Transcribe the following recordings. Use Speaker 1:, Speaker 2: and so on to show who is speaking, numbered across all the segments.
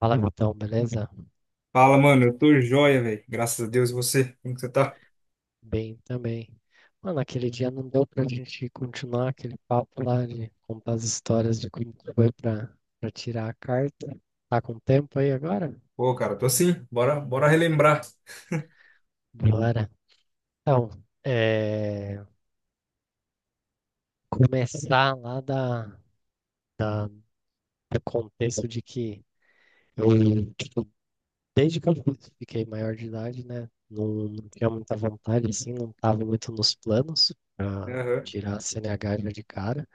Speaker 1: Fala, Vitão, beleza?
Speaker 2: Fala, mano, eu tô joia, velho. Graças a Deus, e você? Como que você tá?
Speaker 1: Bem também. Mano, aquele dia não deu pra gente continuar aquele papo lá de contar as histórias de como que foi pra tirar a carta. Tá com tempo aí agora?
Speaker 2: Pô, cara, tô assim Bora, bora relembrar.
Speaker 1: Bora. Então, é, começar lá da, do contexto de que eu, tipo, desde que eu fiquei maior de idade, né? Não, não tinha muita vontade, assim, não tava muito nos planos pra
Speaker 2: Aham.
Speaker 1: tirar a CNH já de cara.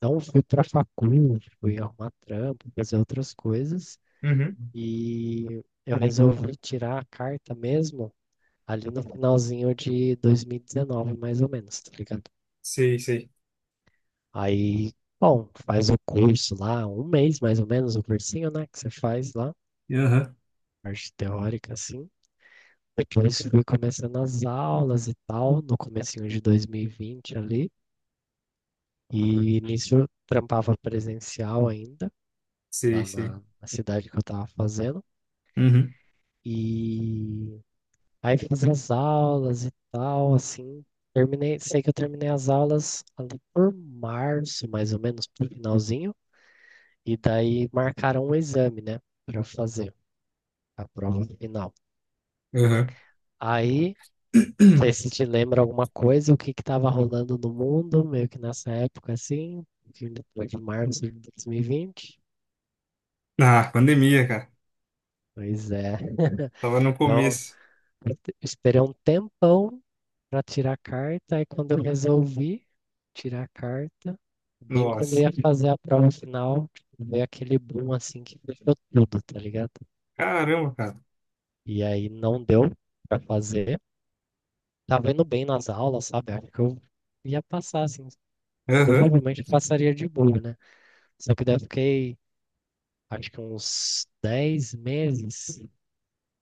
Speaker 1: Não fui para facul, fui arrumar trampo, fazer outras coisas.
Speaker 2: Uhum.
Speaker 1: E eu resolvi tirar a carta mesmo ali no finalzinho de 2019, mais ou menos, tá ligado?
Speaker 2: Sei, sei.
Speaker 1: Aí, bom, faz o curso lá, um mês mais ou menos, o cursinho, né, que você faz lá,
Speaker 2: Aham.
Speaker 1: parte teórica, assim. Depois fui começando as aulas e tal, no comecinho de 2020 ali. E nisso eu trampava presencial ainda,
Speaker 2: Sei,
Speaker 1: lá
Speaker 2: sei.
Speaker 1: na cidade que eu tava fazendo.
Speaker 2: Uhum.
Speaker 1: E aí fiz as aulas e tal, assim. Terminei, sei que eu terminei as aulas ali por março, mais ou menos, pro finalzinho. E daí marcaram um exame, né, pra eu fazer a prova final.
Speaker 2: Aham.
Speaker 1: Aí, não sei se te lembra alguma coisa, o que que tava rolando no mundo, meio que nessa época, assim, que depois de março de 2020.
Speaker 2: Ah, pandemia, cara.
Speaker 1: Pois é.
Speaker 2: Tava no
Speaker 1: Então,
Speaker 2: começo.
Speaker 1: eu esperei um tempão para tirar a carta. Aí quando eu resolvi tirar a carta, bem quando eu
Speaker 2: Nossa.
Speaker 1: ia fazer a prova final, tipo, veio aquele boom assim que fechou tudo, tá ligado?
Speaker 2: Caramba, cara.
Speaker 1: E aí não deu para fazer. Tava indo bem nas aulas, sabe? Acho que eu ia passar assim.
Speaker 2: Aham.
Speaker 1: Provavelmente passaria de boa, né? Só que daí eu fiquei, acho que uns 10 meses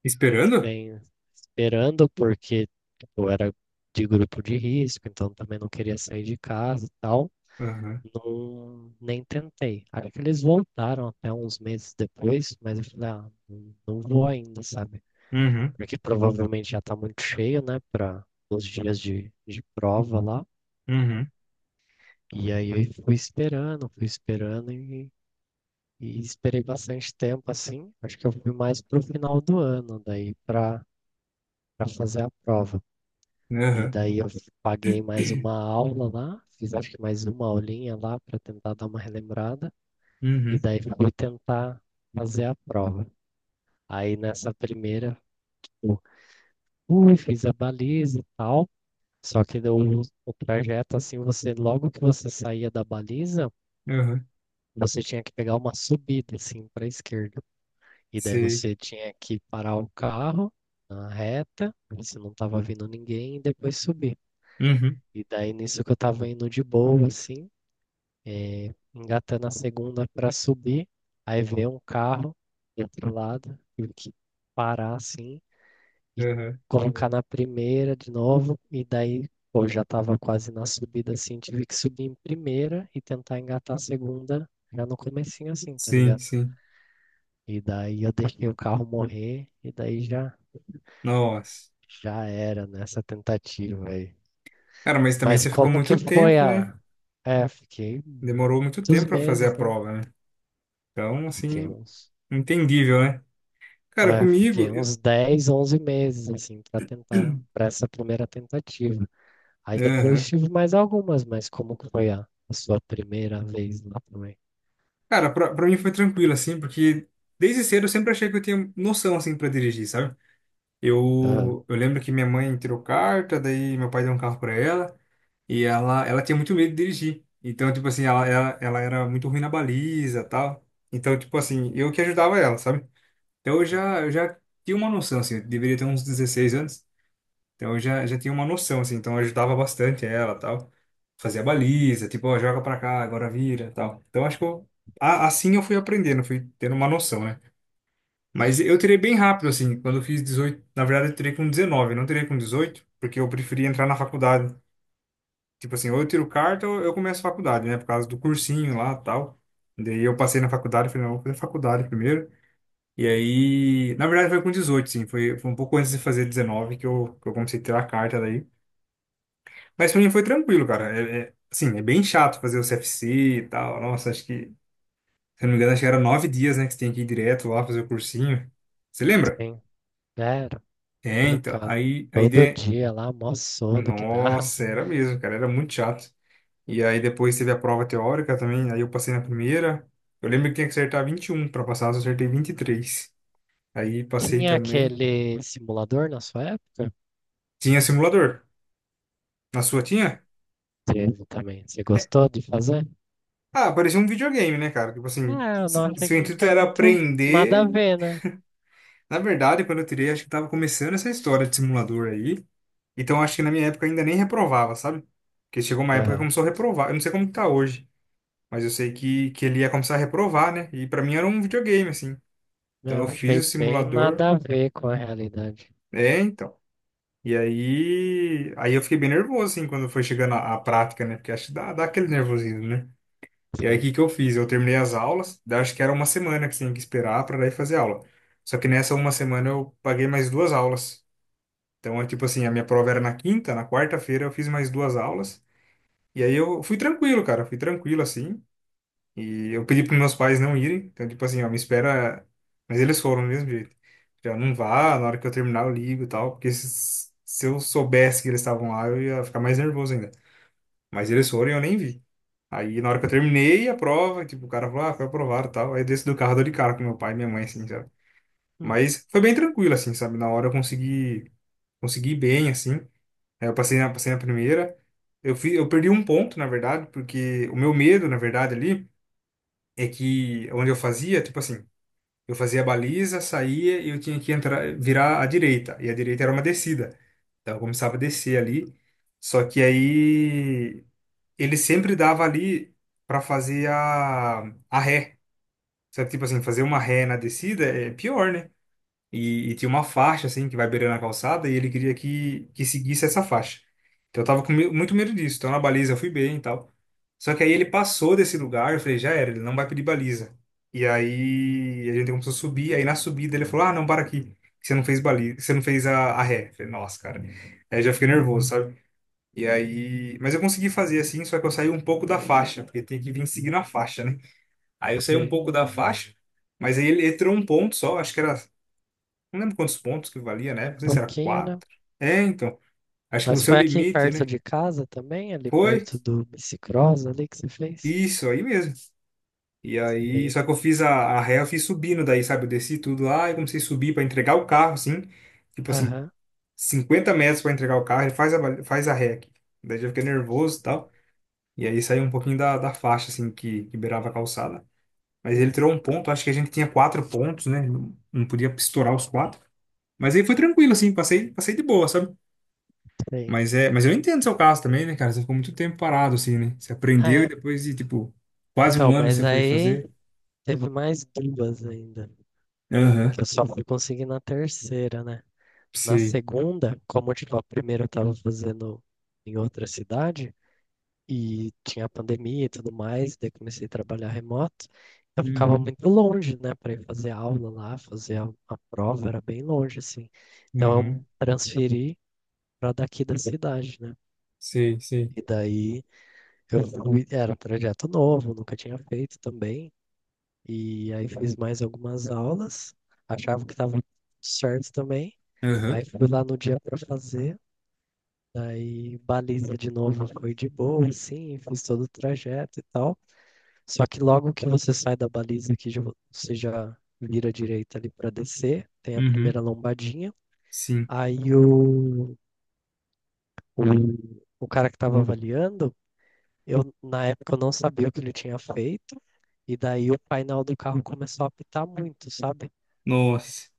Speaker 2: Esperando?
Speaker 1: sem, esperando, porque eu era de grupo de risco, então também não queria sair de casa e tal.
Speaker 2: Aham.
Speaker 1: Não, nem tentei. Aí que eles voltaram até uns meses depois, mas eu falei, ah, não, não vou ainda, sabe?
Speaker 2: Uhum.
Speaker 1: Porque provavelmente já tá muito cheio, né, para os dias de prova lá.
Speaker 2: Uhum.
Speaker 1: E aí eu fui esperando e esperei bastante tempo, assim. Acho que eu fui mais pro final do ano, daí para fazer a prova. E
Speaker 2: Aham.
Speaker 1: daí eu paguei mais uma aula lá, fiz acho que mais uma aulinha lá para tentar dar uma relembrada. E
Speaker 2: Uhum.
Speaker 1: daí fui tentar fazer a prova. Aí nessa primeira, eu fui, fiz a baliza e tal. Só que deu o trajeto, assim, você, logo que você saía da baliza,
Speaker 2: Aham.
Speaker 1: você tinha que pegar uma subida, assim, para a esquerda. E daí
Speaker 2: Sei.
Speaker 1: você tinha que parar o carro na reta, você não tava vindo ninguém, e depois subir.
Speaker 2: Uhum.
Speaker 1: E daí nisso que eu tava indo de boa, assim, eh, engatando a segunda para subir, aí vem um carro do outro lado, tive que parar assim e
Speaker 2: Aham.
Speaker 1: colocar na primeira de novo, e daí pô, já estava quase na subida assim, tive que subir em primeira e tentar engatar a segunda já no comecinho assim, tá
Speaker 2: Sim,
Speaker 1: ligado?
Speaker 2: sim.
Speaker 1: E daí eu deixei o carro morrer e daí já
Speaker 2: Nossa.
Speaker 1: já era nessa tentativa aí.
Speaker 2: Cara, mas também
Speaker 1: Mas
Speaker 2: você ficou
Speaker 1: como que
Speaker 2: muito
Speaker 1: foi
Speaker 2: tempo, né?
Speaker 1: a... É, fiquei
Speaker 2: Demorou muito
Speaker 1: muitos
Speaker 2: tempo pra fazer
Speaker 1: meses,
Speaker 2: a
Speaker 1: né?
Speaker 2: prova, né? Então,
Speaker 1: Fiquei
Speaker 2: assim,
Speaker 1: uns
Speaker 2: entendível, né? Cara,
Speaker 1: É,
Speaker 2: comigo.
Speaker 1: fiquei uns 10, 11 meses, assim, para tentar, para essa primeira tentativa. Aí depois
Speaker 2: Aham.
Speaker 1: tive mais algumas, mas como que foi a sua primeira vez lá também?
Speaker 2: Cara, pra mim foi tranquilo, assim, porque desde cedo eu sempre achei que eu tinha noção, assim, pra dirigir, sabe?
Speaker 1: Ah,
Speaker 2: Eu lembro que minha mãe tirou carta, daí meu pai deu um carro pra ela, e ela tinha muito medo de dirigir. Então, tipo assim, ela era muito ruim na baliza tal. Então, tipo assim, eu que ajudava ela, sabe? Então eu
Speaker 1: sim,
Speaker 2: já, eu já tinha uma noção, assim, eu deveria ter uns 16 anos. Então eu já tinha uma noção, assim, então eu ajudava bastante ela, tal. Fazia baliza, tipo, ó, joga pra cá, agora vira, tal. Então acho que eu, assim eu fui aprendendo, fui tendo uma noção, né? Mas eu tirei bem rápido, assim, quando eu fiz 18 na verdade eu tirei com 19 não tirei com 18 porque eu preferia entrar na faculdade. Tipo assim, ou eu tiro carta ou eu começo a faculdade, né? Por causa do cursinho lá, tal. Daí eu passei na faculdade, falei, não, vou fazer faculdade primeiro. E aí, na verdade foi com 18 sim, foi, foi um pouco antes de fazer 19 que eu comecei a tirar a carta daí. Mas pra mim foi tranquilo, cara. É, assim, é bem chato fazer o CFC e tal. Nossa, acho que, se eu não me engano, acho que era 9 dias, né, que você tem que ir direto lá fazer o cursinho. Você lembra?
Speaker 1: sim, era
Speaker 2: É, então.
Speaker 1: complicado.
Speaker 2: Aí a
Speaker 1: Todo
Speaker 2: ideia.
Speaker 1: dia lá, mó sono que dava.
Speaker 2: Nossa, era mesmo, cara. Era muito chato. E aí depois teve a prova teórica também. Aí eu passei na primeira. Eu lembro que tinha que acertar 21 para passar, eu só acertei 23. Aí passei
Speaker 1: Tinha
Speaker 2: também.
Speaker 1: aquele simulador na sua época?
Speaker 2: Tinha simulador. Na sua tinha?
Speaker 1: Teve também. Você
Speaker 2: É.
Speaker 1: gostou de fazer?
Speaker 2: Ah, parecia um videogame, né, cara? Tipo assim,
Speaker 1: Ah, eu não
Speaker 2: se,
Speaker 1: achei
Speaker 2: se o
Speaker 1: que não
Speaker 2: intuito
Speaker 1: tinha
Speaker 2: era
Speaker 1: muito nada a
Speaker 2: aprender.
Speaker 1: ver, né?
Speaker 2: Na verdade, quando eu tirei, acho que tava começando essa história de simulador aí. Então acho que na minha época ainda nem reprovava, sabe? Porque chegou uma época que
Speaker 1: Aham.
Speaker 2: começou a reprovar. Eu não sei como que tá hoje, mas eu sei que ele ia começar a reprovar, né? E pra mim era um videogame, assim. Então
Speaker 1: Eu
Speaker 2: eu fiz
Speaker 1: achei
Speaker 2: o
Speaker 1: bem
Speaker 2: simulador.
Speaker 1: nada a ver com a realidade.
Speaker 2: É, então. E aí, eu fiquei bem nervoso, assim, quando foi chegando a prática, né? Porque acho que dá aquele nervosismo, né? E aí o
Speaker 1: Sim.
Speaker 2: que que eu fiz? Eu terminei as aulas, daí acho que era uma semana que tinha que esperar para daí fazer aula. Só que nessa uma semana eu paguei mais duas aulas. Então é tipo assim, a minha prova era na quinta, na quarta-feira eu fiz mais duas aulas. E aí eu fui tranquilo, cara, fui tranquilo assim. E eu pedi para meus pais não irem. Então, tipo assim, ó, me espera. Mas eles foram do mesmo jeito. Já não vá, na hora que eu terminar eu ligo e tal. Porque se eu soubesse que eles estavam lá, eu ia ficar mais nervoso ainda. Mas eles foram e eu nem vi. Aí na hora que eu terminei a prova, tipo, o cara falou, ah, foi aprovado e tal. Aí eu desci do carro, dou de cara com meu pai e minha mãe, assim, sabe? Mas foi bem tranquilo, assim, sabe? Na hora eu consegui, consegui ir bem, assim. Aí eu passei na primeira. Eu perdi um ponto, na verdade, porque o meu medo, na verdade, ali, é que onde eu fazia, tipo assim, eu fazia a baliza, saía e eu tinha que entrar, virar à direita. E a direita era uma descida. Então eu começava a descer ali. Só que aí ele sempre dava ali para fazer a ré. Sabe, tipo assim, fazer uma ré na descida é pior, né? E tinha uma faixa, assim, que vai beirando a calçada, e ele queria que seguisse essa faixa. Então eu tava com muito medo disso. Então na baliza eu fui bem e tal. Só que aí ele passou desse lugar, eu falei, já era, ele não vai pedir baliza. E aí a gente começou a subir, aí na subida ele falou, ah, não, para aqui, que você não fez baliza, que você não fez a ré. Eu falei, nossa, cara. Aí eu já fiquei nervoso, sabe? E aí. Mas eu consegui fazer assim, só que eu saí um pouco da faixa, porque tem que vir seguindo a faixa, né? Aí eu saí um
Speaker 1: Sei.
Speaker 2: pouco da faixa. Mas aí ele entrou um ponto só, acho que era não lembro quantos pontos que valia, né? Não sei se era
Speaker 1: Pouquinho, né?
Speaker 2: quatro. É, então. Acho que o
Speaker 1: Mas
Speaker 2: seu
Speaker 1: foi aqui
Speaker 2: limite,
Speaker 1: perto
Speaker 2: né?
Speaker 1: de casa também, ali
Speaker 2: Foi
Speaker 1: perto do bicicross ali que você fez?
Speaker 2: isso aí mesmo. E aí,
Speaker 1: Sei.
Speaker 2: só que eu fiz a ré, eu fiz subindo daí, sabe? Eu desci tudo lá e comecei a subir para entregar o carro, assim. Tipo assim,
Speaker 1: Aham.
Speaker 2: 50 metros para entregar o carro, ele faz a ré aqui. Daí eu fiquei nervoso e tal. E aí saiu um pouquinho da faixa, assim, que beirava a calçada. Mas ele
Speaker 1: Uhum.
Speaker 2: tirou um ponto, acho que a gente tinha quatro pontos, né? Não, não podia estourar os quatro. Mas aí foi tranquilo, assim, passei, passei de boa, sabe?
Speaker 1: Sei.
Speaker 2: Mas é, mas eu entendo seu caso também, né, cara? Você ficou muito tempo parado, assim, né? Você aprendeu e
Speaker 1: Ah,
Speaker 2: depois de, tipo, quase
Speaker 1: então,
Speaker 2: um ano
Speaker 1: mas
Speaker 2: você foi
Speaker 1: aí
Speaker 2: fazer.
Speaker 1: teve mais duas ainda,
Speaker 2: Aham,
Speaker 1: que eu só fui conseguir na terceira, né? Na
Speaker 2: sei.
Speaker 1: segunda, como tipo, a primeira eu tava fazendo em outra cidade, e tinha a pandemia e tudo mais, daí comecei a trabalhar remoto. Eu ficava
Speaker 2: Uhum,
Speaker 1: muito longe, né, para ir fazer aula lá, fazer a prova, era bem longe, assim. Então
Speaker 2: uhum,
Speaker 1: eu transferi para daqui da cidade, né?
Speaker 2: sei, sei.
Speaker 1: E daí eu fui, era um projeto novo, nunca tinha feito também. E aí fiz mais algumas aulas, achava que estava certo também.
Speaker 2: Aham,
Speaker 1: Aí fui lá no dia para fazer, daí baliza de novo foi de boa, assim, fiz todo o trajeto e tal. Só que logo que você sai da baliza aqui, já você já vira à direita ali para descer, tem a
Speaker 2: uhum,
Speaker 1: primeira lombadinha.
Speaker 2: sim.
Speaker 1: Aí o, o cara que estava avaliando, eu na época eu não sabia o que ele tinha feito, e daí o painel do carro começou a apitar muito, sabe?
Speaker 2: Nossa.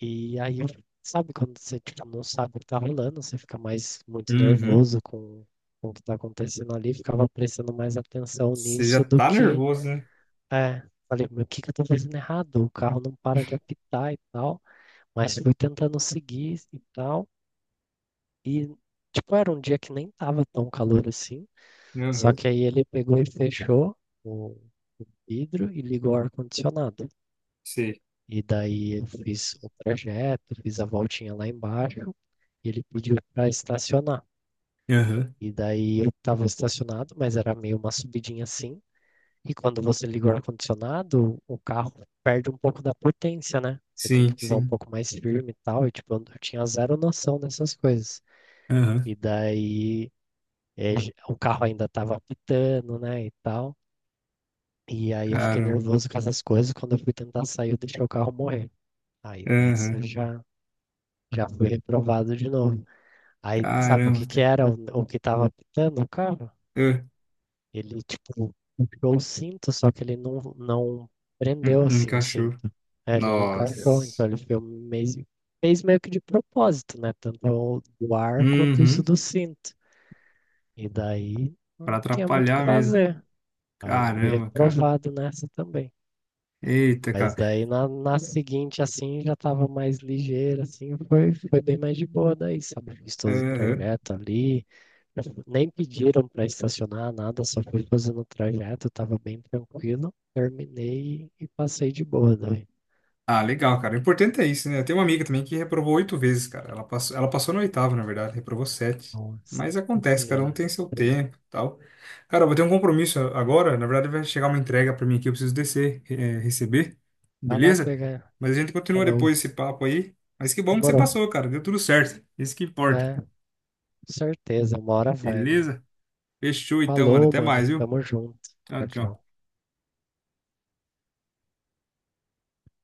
Speaker 1: E aí, sabe quando você tipo, não sabe o que tá rolando, você fica mais muito
Speaker 2: Uhum.
Speaker 1: nervoso com o que tá acontecendo ali, ficava prestando mais atenção
Speaker 2: Você já
Speaker 1: nisso do
Speaker 2: tá
Speaker 1: que.
Speaker 2: nervoso, né?
Speaker 1: É, falei, meu, o que que eu tô fazendo errado? O carro não para de apitar e tal, mas fui tentando seguir e tal, e tipo, era um dia que nem tava tão calor assim, só
Speaker 2: Aham,
Speaker 1: que aí ele pegou e fechou o vidro e ligou o ar-condicionado.
Speaker 2: sei.
Speaker 1: E daí eu fiz o trajeto, fiz a voltinha lá embaixo, e ele pediu para estacionar.
Speaker 2: Aham,
Speaker 1: E daí eu tava estacionado, mas era meio uma subidinha assim, e quando você liga o ar-condicionado, o carro perde um pouco da potência, né? Você tem
Speaker 2: sim,
Speaker 1: que pisar um
Speaker 2: sim.
Speaker 1: pouco mais firme e tal. E, tipo, eu tinha zero noção dessas coisas.
Speaker 2: Aham,
Speaker 1: E daí, o carro ainda tava apitando, né? E tal. E aí eu fiquei
Speaker 2: caramba.
Speaker 1: nervoso com essas coisas. Quando eu fui tentar sair, eu deixei o carro morrer. Aí nessa eu
Speaker 2: Aham,
Speaker 1: já fui reprovado de novo. Aí, sabe o que
Speaker 2: caramba,
Speaker 1: que
Speaker 2: cara.
Speaker 1: era o que tava apitando o carro?
Speaker 2: Ah,
Speaker 1: Ele, tipo, puxou o cinto, só que ele não prendeu, assim, o
Speaker 2: encaixou.
Speaker 1: cinto. É, ele não encaixou, então
Speaker 2: Nossa.
Speaker 1: ele meio, fez meio que de propósito, né? Tanto o do ar quanto isso
Speaker 2: Uhum,
Speaker 1: do cinto. E daí
Speaker 2: pra
Speaker 1: não tinha muito o que
Speaker 2: atrapalhar mesmo.
Speaker 1: fazer. Aí eu fui
Speaker 2: Caramba, cara.
Speaker 1: reprovado nessa também.
Speaker 2: Eita,
Speaker 1: Mas
Speaker 2: cara.
Speaker 1: daí na seguinte, assim, já tava mais ligeiro, assim, foi bem mais de boa daí, sabe? Fiz todo o
Speaker 2: Aham.
Speaker 1: trajeto ali, nem pediram para estacionar nada, só fui fazendo o trajeto, tava bem tranquilo. Terminei e passei de boa daí.
Speaker 2: Ah, legal, cara. O importante é isso, né? Eu tenho uma amiga também que reprovou 8 vezes, cara. Ela passou na oitava, na verdade, reprovou sete.
Speaker 1: Nossa
Speaker 2: Mas acontece, cara, não
Speaker 1: senhora.
Speaker 2: tem seu tempo e tal. Cara, eu vou ter um compromisso agora. Na verdade, vai chegar uma entrega pra mim aqui, eu preciso descer, receber,
Speaker 1: Vai lá
Speaker 2: beleza?
Speaker 1: pegar.
Speaker 2: Mas a gente continua
Speaker 1: Falou.
Speaker 2: depois esse papo aí. Mas que bom que você
Speaker 1: Demorou.
Speaker 2: passou, cara. Deu tudo certo. Isso que importa.
Speaker 1: É, certeza, uma hora vai, né?
Speaker 2: Beleza? Fechou então, mano.
Speaker 1: Falou,
Speaker 2: Até
Speaker 1: mano.
Speaker 2: mais, viu?
Speaker 1: Tamo junto.
Speaker 2: Tchau,
Speaker 1: Tchau,
Speaker 2: tchau.
Speaker 1: tchau.